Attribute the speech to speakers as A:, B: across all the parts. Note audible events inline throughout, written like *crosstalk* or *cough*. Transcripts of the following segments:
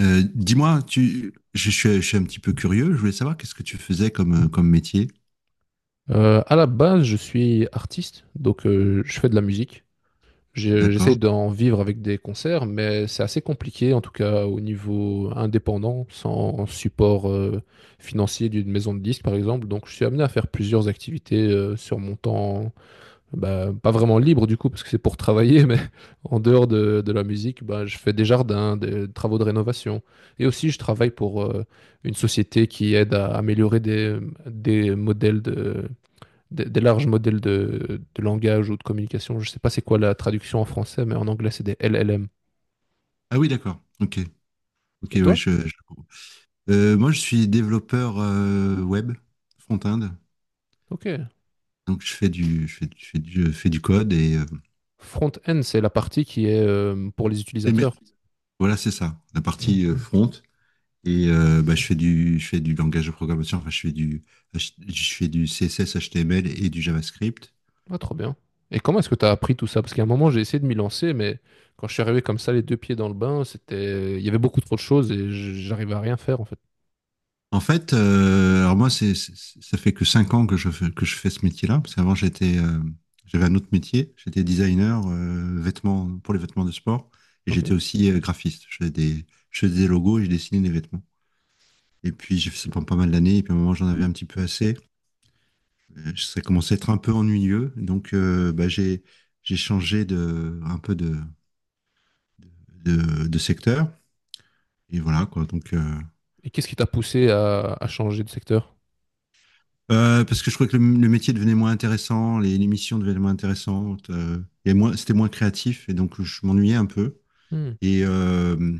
A: Dis-moi, tu, je suis un petit peu curieux. Je voulais savoir qu'est-ce que tu faisais comme métier.
B: À la base, je suis artiste, donc je fais de la musique. J'essaye
A: D'accord.
B: d'en vivre avec des concerts, mais c'est assez compliqué, en tout cas au niveau indépendant, sans support financier d'une maison de disques, par exemple. Donc, je suis amené à faire plusieurs activités sur mon temps, bah, pas vraiment libre du coup, parce que c'est pour travailler, *laughs* mais en dehors de la musique, bah, je fais des jardins, des travaux de rénovation. Et aussi, je travaille pour une société qui aide à améliorer des modèles de des larges modèles de langage ou de communication. Je ne sais pas c'est quoi la traduction en français, mais en anglais, c'est des LLM.
A: Ah oui, d'accord. Ok. Ok,
B: Et
A: oui,
B: toi?
A: je comprends. Moi, je suis développeur web front-end.
B: Ok.
A: Donc, je fais du code.
B: Front-end, c'est la partie qui est pour les
A: Et mais-
B: utilisateurs.
A: voilà, c'est ça, la partie front. Et bah, je fais du langage de programmation. Enfin, je fais du CSS, HTML et du JavaScript.
B: Ah, trop bien. Et comment est-ce que tu as appris tout ça? Parce qu'à un moment, j'ai essayé de m'y lancer, mais quand je suis arrivé comme ça, les deux pieds dans le bain, c'était il y avait beaucoup trop de choses et j'arrivais à rien faire, en fait.
A: En fait, alors moi, ça fait que 5 ans que je fais ce métier-là, parce qu'avant, j'avais un autre métier. J'étais designer vêtements, pour les vêtements de sport, et
B: Ok.
A: j'étais aussi graphiste. Je faisais des logos et je dessinais des vêtements. Et puis, j'ai fait ça pendant pas mal d'années, et puis à un moment, j'en avais un petit peu assez. Ça commençait à être un peu ennuyeux, donc bah, j'ai changé un peu de secteur. Et voilà, quoi. Donc,
B: Et qu'est-ce qui t'a poussé à changer de secteur?
A: Parce que je trouvais que le métier devenait moins intéressant, les émissions devenaient moins intéressantes, c'était moins créatif, et donc je m'ennuyais un peu.
B: Hmm.
A: Et, euh,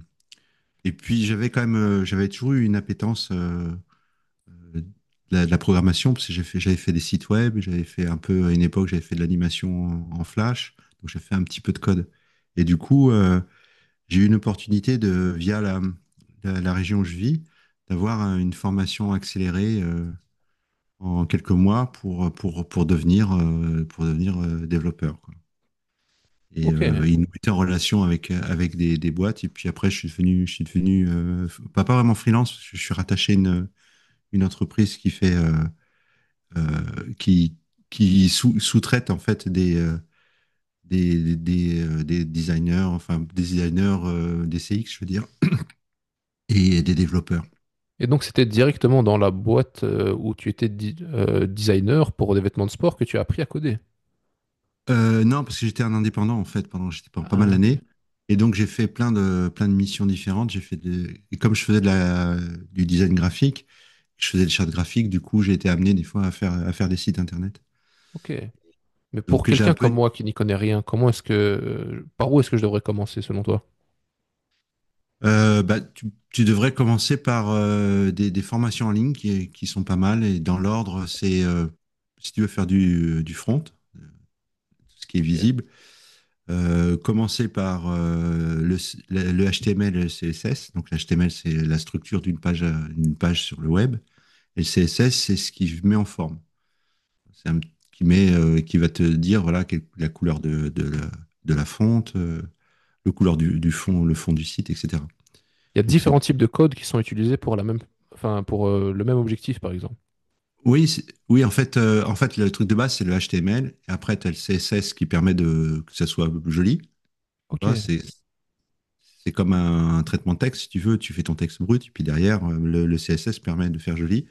A: et puis j'avais quand même, j'avais toujours eu une appétence euh, de, de la programmation, parce que j'avais fait des sites web, j'avais fait un peu, à une époque, j'avais fait de l'animation en Flash, donc j'ai fait un petit peu de code. Et du coup, j'ai eu une opportunité de, via la région où je vis, d'avoir une formation accélérée en quelques mois pour devenir développeur, quoi. Et
B: Ok.
A: euh, il nous mettait en relation avec des boîtes. Et puis après, je suis devenu pas vraiment freelance, parce que je suis rattaché à une entreprise qui fait, euh, qui, qui sous-traite en fait des designers, enfin des designers des CX, je veux dire, et des développeurs.
B: Et donc, c'était directement dans la boîte où tu étais designer pour des vêtements de sport que tu as appris à coder.
A: Non, parce que j'étais un indépendant en fait pendant j'étais pendant pas mal
B: Ah,
A: d'années.
B: ok.
A: Et donc j'ai fait plein de missions différentes. Et comme je faisais du design graphique, je faisais des chartes graphiques. Du coup, j'ai été amené des fois à faire des sites internet.
B: Ok. Mais pour
A: Donc j'ai un
B: quelqu'un
A: peu
B: comme
A: une-
B: moi qui n'y connaît rien, comment est-ce que, par où est-ce que je devrais commencer selon toi?
A: Bah, tu devrais commencer par des formations en ligne qui sont pas mal. Et dans l'ordre, c'est si tu veux faire du front, tout ce qui est
B: Ok. Il
A: visible. Commencer par le HTML et le CSS. Donc, l'HTML, c'est la structure d'une page, une page sur le web. Et le CSS, c'est ce qui met en forme. C'est un, qui met, Qui va te dire, voilà, la couleur de la fonte, le couleur du fond, le fond du site, etc.
B: y a
A: Donc, c'est,
B: différents types de codes qui sont utilisés pour la même, enfin, pour le même objectif, par exemple.
A: oui, en fait, le truc de base, c'est le HTML. Et après, tu as le CSS qui permet de, que ça soit joli.
B: Ok.
A: Ça, c'est comme un traitement de texte, si tu veux. Tu fais ton texte brut, puis derrière, le CSS permet de faire joli.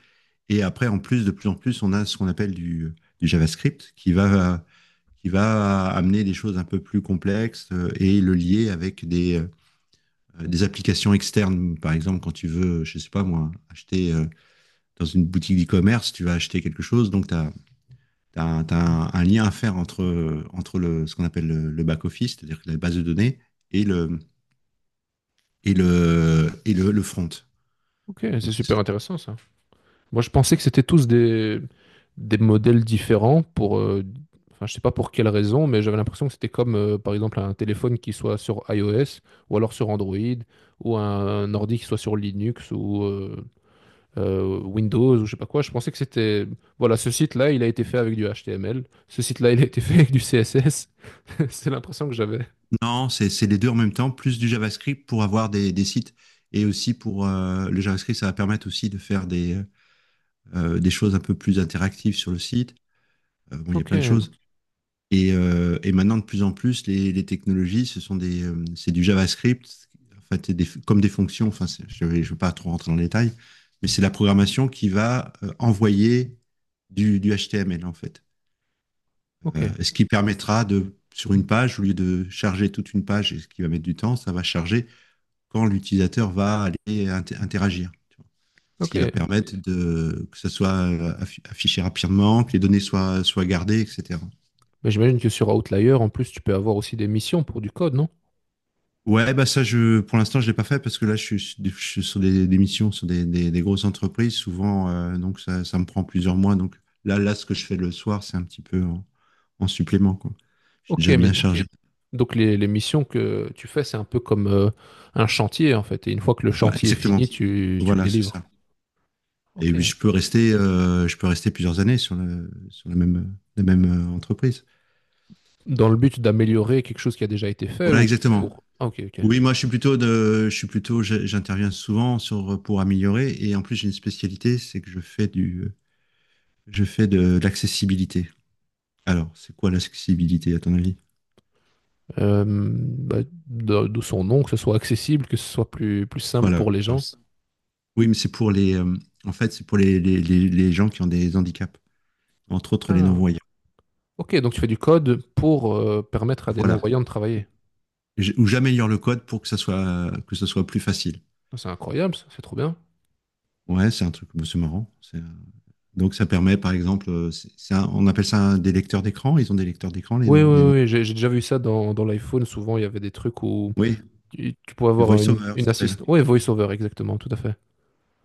A: Et après, en plus, de plus en plus, on a ce qu'on appelle du JavaScript qui va amener des choses un peu plus complexes et le lier avec des applications externes. Par exemple, quand tu veux, je sais pas moi, acheter dans une boutique d'e-commerce, tu vas acheter quelque chose, donc t'as un lien à faire entre le, ce qu'on appelle le back-office, c'est-à-dire la base de données, et le front.
B: Ok, c'est
A: Donc c'est
B: super
A: ça.
B: intéressant ça. Moi, je pensais que c'était tous des modèles différents pour, enfin, je sais pas pour quelle raison, mais j'avais l'impression que c'était comme, par exemple, un téléphone qui soit sur iOS ou alors sur Android ou un, ordi qui soit sur Linux ou, Windows ou je sais pas quoi. Je pensais que c'était Voilà, ce site-là, il a été fait avec du HTML. Ce site-là, il a été *laughs* fait avec du CSS. *laughs* C'est l'impression que j'avais.
A: Non, c'est les deux en même temps, plus du JavaScript pour avoir des sites et aussi pour le JavaScript, ça va permettre aussi de faire des choses un peu plus interactives sur le site. Bon, il y a
B: Ok,
A: plein de choses. Et maintenant, de plus en plus, les technologies, c'est du JavaScript, en fait, c'est des, comme des fonctions. Enfin, je vais pas trop rentrer dans le détail, mais c'est la programmation qui va envoyer du HTML en fait.
B: ok,
A: Est ce qui permettra de, sur une page, au lieu de charger toute une page, et ce qui va mettre du temps, ça va charger quand l'utilisateur va aller interagir. Tu vois. Ce qui va
B: ok.
A: permettre de, que ça soit affiché rapidement, que les données soient gardées, etc.
B: Mais j'imagine que sur Outlier, en plus, tu peux avoir aussi des missions pour du code, non?
A: Ouais, bah ça, pour l'instant, je l'ai pas fait parce que là, je suis sur des missions, sur des grosses entreprises. Souvent, donc ça me prend plusieurs mois. Donc là, ce que je fais le soir, c'est un petit peu en supplément. Quoi. Je suis
B: Ok,
A: déjà
B: mais
A: bien chargé.
B: Donc les missions que tu fais, c'est un peu comme un chantier, en fait. Et une fois que le
A: Ouais,
B: chantier est
A: exactement.
B: fini, tu le
A: Voilà, c'est
B: délivres.
A: ça. Et
B: Ok.
A: oui, je peux rester plusieurs années sur la même entreprise.
B: Dans le but d'améliorer quelque chose qui a déjà été fait
A: Voilà,
B: ou
A: exactement.
B: pour Ah, ok, ok.
A: Oui, moi, je suis plutôt de, je suis plutôt, je- j'interviens souvent pour améliorer. Et en plus, j'ai une spécialité, c'est que je fais de l'accessibilité. Alors, c'est quoi l'accessibilité, à ton avis?
B: Bah, de son nom, que ce soit accessible, que ce soit plus, plus simple
A: Voilà.
B: pour les gens.
A: Oui, mais en fait, c'est pour les gens qui ont des handicaps, entre autres les
B: Ah,
A: non-voyants.
B: ok, donc tu fais du code pour permettre à des
A: Voilà.
B: non-voyants de travailler.
A: Ou j'améliore le code pour que ça soit plus facile.
B: Ah, c'est incroyable, ça, c'est trop bien.
A: Ouais, c'est un truc, bon, c'est marrant. Donc ça permet, par exemple, on appelle ça des lecteurs d'écran. Ils ont des lecteurs d'écran, les
B: Oui,
A: noms, les
B: oui,
A: noms.
B: oui, j'ai déjà vu ça dans l'iPhone. Souvent, il y avait des trucs où
A: Oui,
B: tu pouvais
A: du
B: avoir
A: voice-over ça
B: une
A: s'appelle.
B: assistante. Oui, VoiceOver, exactement, tout à fait.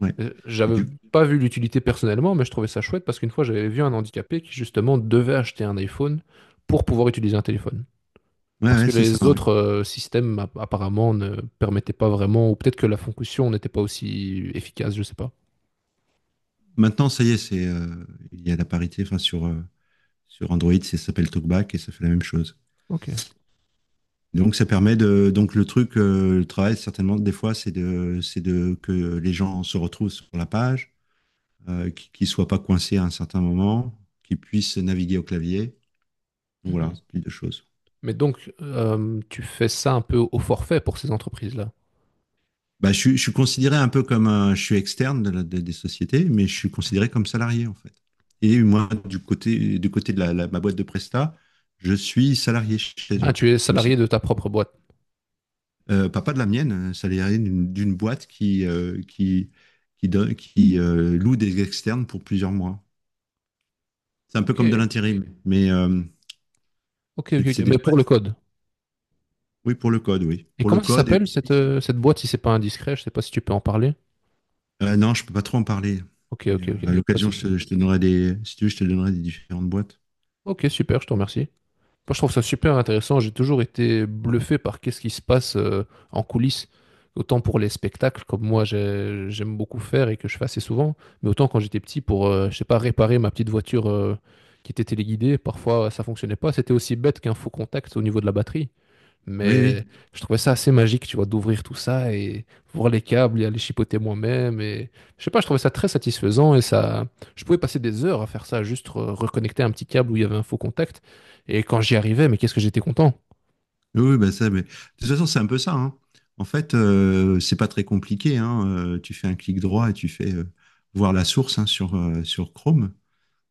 A: Ouais. Et
B: J'avais
A: du...
B: pas vu l'utilité personnellement, mais je trouvais ça chouette parce qu'une fois, j'avais vu un handicapé qui, justement, devait acheter un iPhone pour pouvoir utiliser un téléphone.
A: ouais,
B: Parce
A: ouais,
B: que
A: c'est ça.
B: les
A: Ouais.
B: autres systèmes apparemment ne permettaient pas vraiment, ou peut-être que la fonction n'était pas aussi efficace, je sais pas.
A: Maintenant, ça y est, c'est il y a la parité. Enfin, sur Android, ça s'appelle TalkBack et ça fait la même chose.
B: Ok.
A: Donc ça permet de donc le truc, le travail certainement des fois, c'est de que les gens se retrouvent sur la page, qu'ils soient pas coincés à un certain moment, qu'ils puissent naviguer au clavier. Donc,
B: Mhm.
A: voilà, ce type de choses.
B: Mais donc, tu fais ça un peu au forfait pour ces entreprises-là.
A: Bah, je suis considéré un peu je suis externe des sociétés, mais je suis considéré comme salarié en fait. Et moi, du côté de ma boîte de Presta, je suis salarié chez
B: Ah,
A: eux.
B: tu es
A: Je suis comme si,
B: salarié de ta propre boîte.
A: pas, pas de la mienne, salarié d'une boîte qui loue des externes pour plusieurs mois. C'est un peu
B: Ok,
A: comme de l'intérim, mais
B: ok, ok.
A: c'est
B: Ok.
A: c'est des
B: Mais pour le
A: boîtes.
B: code.
A: Oui, pour le code, oui.
B: Et
A: Pour le
B: comment ça
A: code et
B: s'appelle cette,
A: aussi,
B: cette boîte si c'est pas indiscret? Je sais pas si tu peux en parler.
A: Non, je peux pas trop en parler.
B: Ok,
A: Mais,
B: ok, ok.
A: à
B: Pas de
A: l'occasion,
B: souci.
A: je te donnerai des, si tu veux, je te donnerai des différentes boîtes.
B: Ok, super, je te remercie. Moi, je trouve ça super intéressant. J'ai toujours été bluffé par qu'est-ce qui se passe en coulisses, autant pour les spectacles, comme moi j'aime beaucoup faire et que je fais assez souvent, mais autant quand j'étais petit pour, je sais pas, réparer ma petite voiture qui était téléguidée. Parfois, ça fonctionnait pas. C'était aussi bête qu'un faux contact au niveau de la batterie.
A: Oui, oui,
B: Mais je trouvais ça assez magique, tu vois, d'ouvrir tout ça et voir les câbles et aller chipoter moi-même. Et je sais pas, je trouvais ça très satisfaisant et ça, je pouvais passer des heures à faire ça, juste reconnecter un petit câble où il y avait un faux contact. Et quand j'y arrivais, mais qu'est-ce que j'étais content.
A: oui, oui, bah ça, mais de toute façon, c'est un peu ça, hein. En fait, c'est pas très compliqué, hein. Tu fais un clic droit et tu fais voir la source, hein, sur Chrome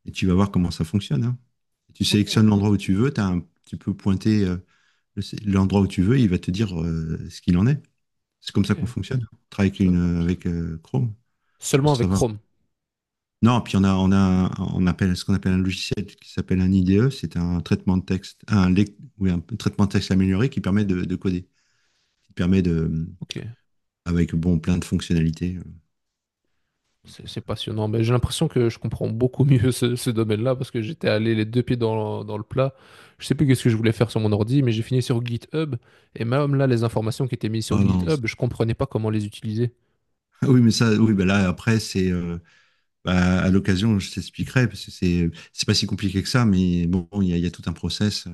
A: et tu vas voir comment ça fonctionne, hein. Tu
B: Ok,
A: sélectionnes l'endroit où tu veux, tu as un petit peu pointé le- l'endroit où tu veux, il va te dire ce qu'il en est. C'est comme
B: ok,
A: ça qu'on fonctionne. On travaille
B: je
A: avec,
B: savais pas.
A: une, avec euh, Chrome, faut
B: Seulement avec
A: savoir.
B: Chrome.
A: Non, puis on a, un- on appelle ce qu'on appelle un logiciel qui s'appelle un IDE, c'est un traitement de texte, oui, un traitement de texte amélioré qui permet de coder, qui permet de,
B: Ok.
A: avec bon, plein de fonctionnalités. Donc,
B: C'est
A: euh,
B: passionnant. Mais j'ai l'impression que je comprends beaucoup mieux ce, ce domaine-là parce que j'étais allé les deux pieds dans, dans le plat. Je sais plus qu'est-ce que je voulais faire sur mon ordi, mais j'ai fini sur GitHub. Et même là, les informations qui étaient mises sur
A: parlant-
B: GitHub, je comprenais pas comment les utiliser.
A: Ah oui, mais ça, oui, bah là, après, c'est, bah, à l'occasion, je t'expliquerai, parce que c'est pas si compliqué que ça, mais bon, il y a tout un process.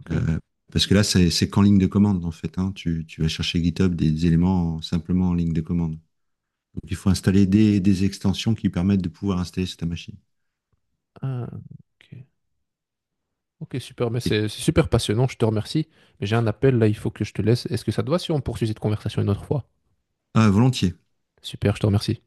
B: Ok.
A: Euh, Parce que là, c'est qu'en ligne de commande, en fait, hein. Tu vas chercher GitHub des éléments simplement en ligne de commande. Donc, il faut installer des extensions qui permettent de pouvoir installer sur ta machine.
B: Ah, ok. Ok, super. Mais
A: Et-
B: c'est super passionnant. Je te remercie. Mais j'ai un appel là, il faut que je te laisse. Est-ce que ça te va si on poursuit cette conversation une autre fois?
A: ah, volontiers.
B: Super, je te remercie.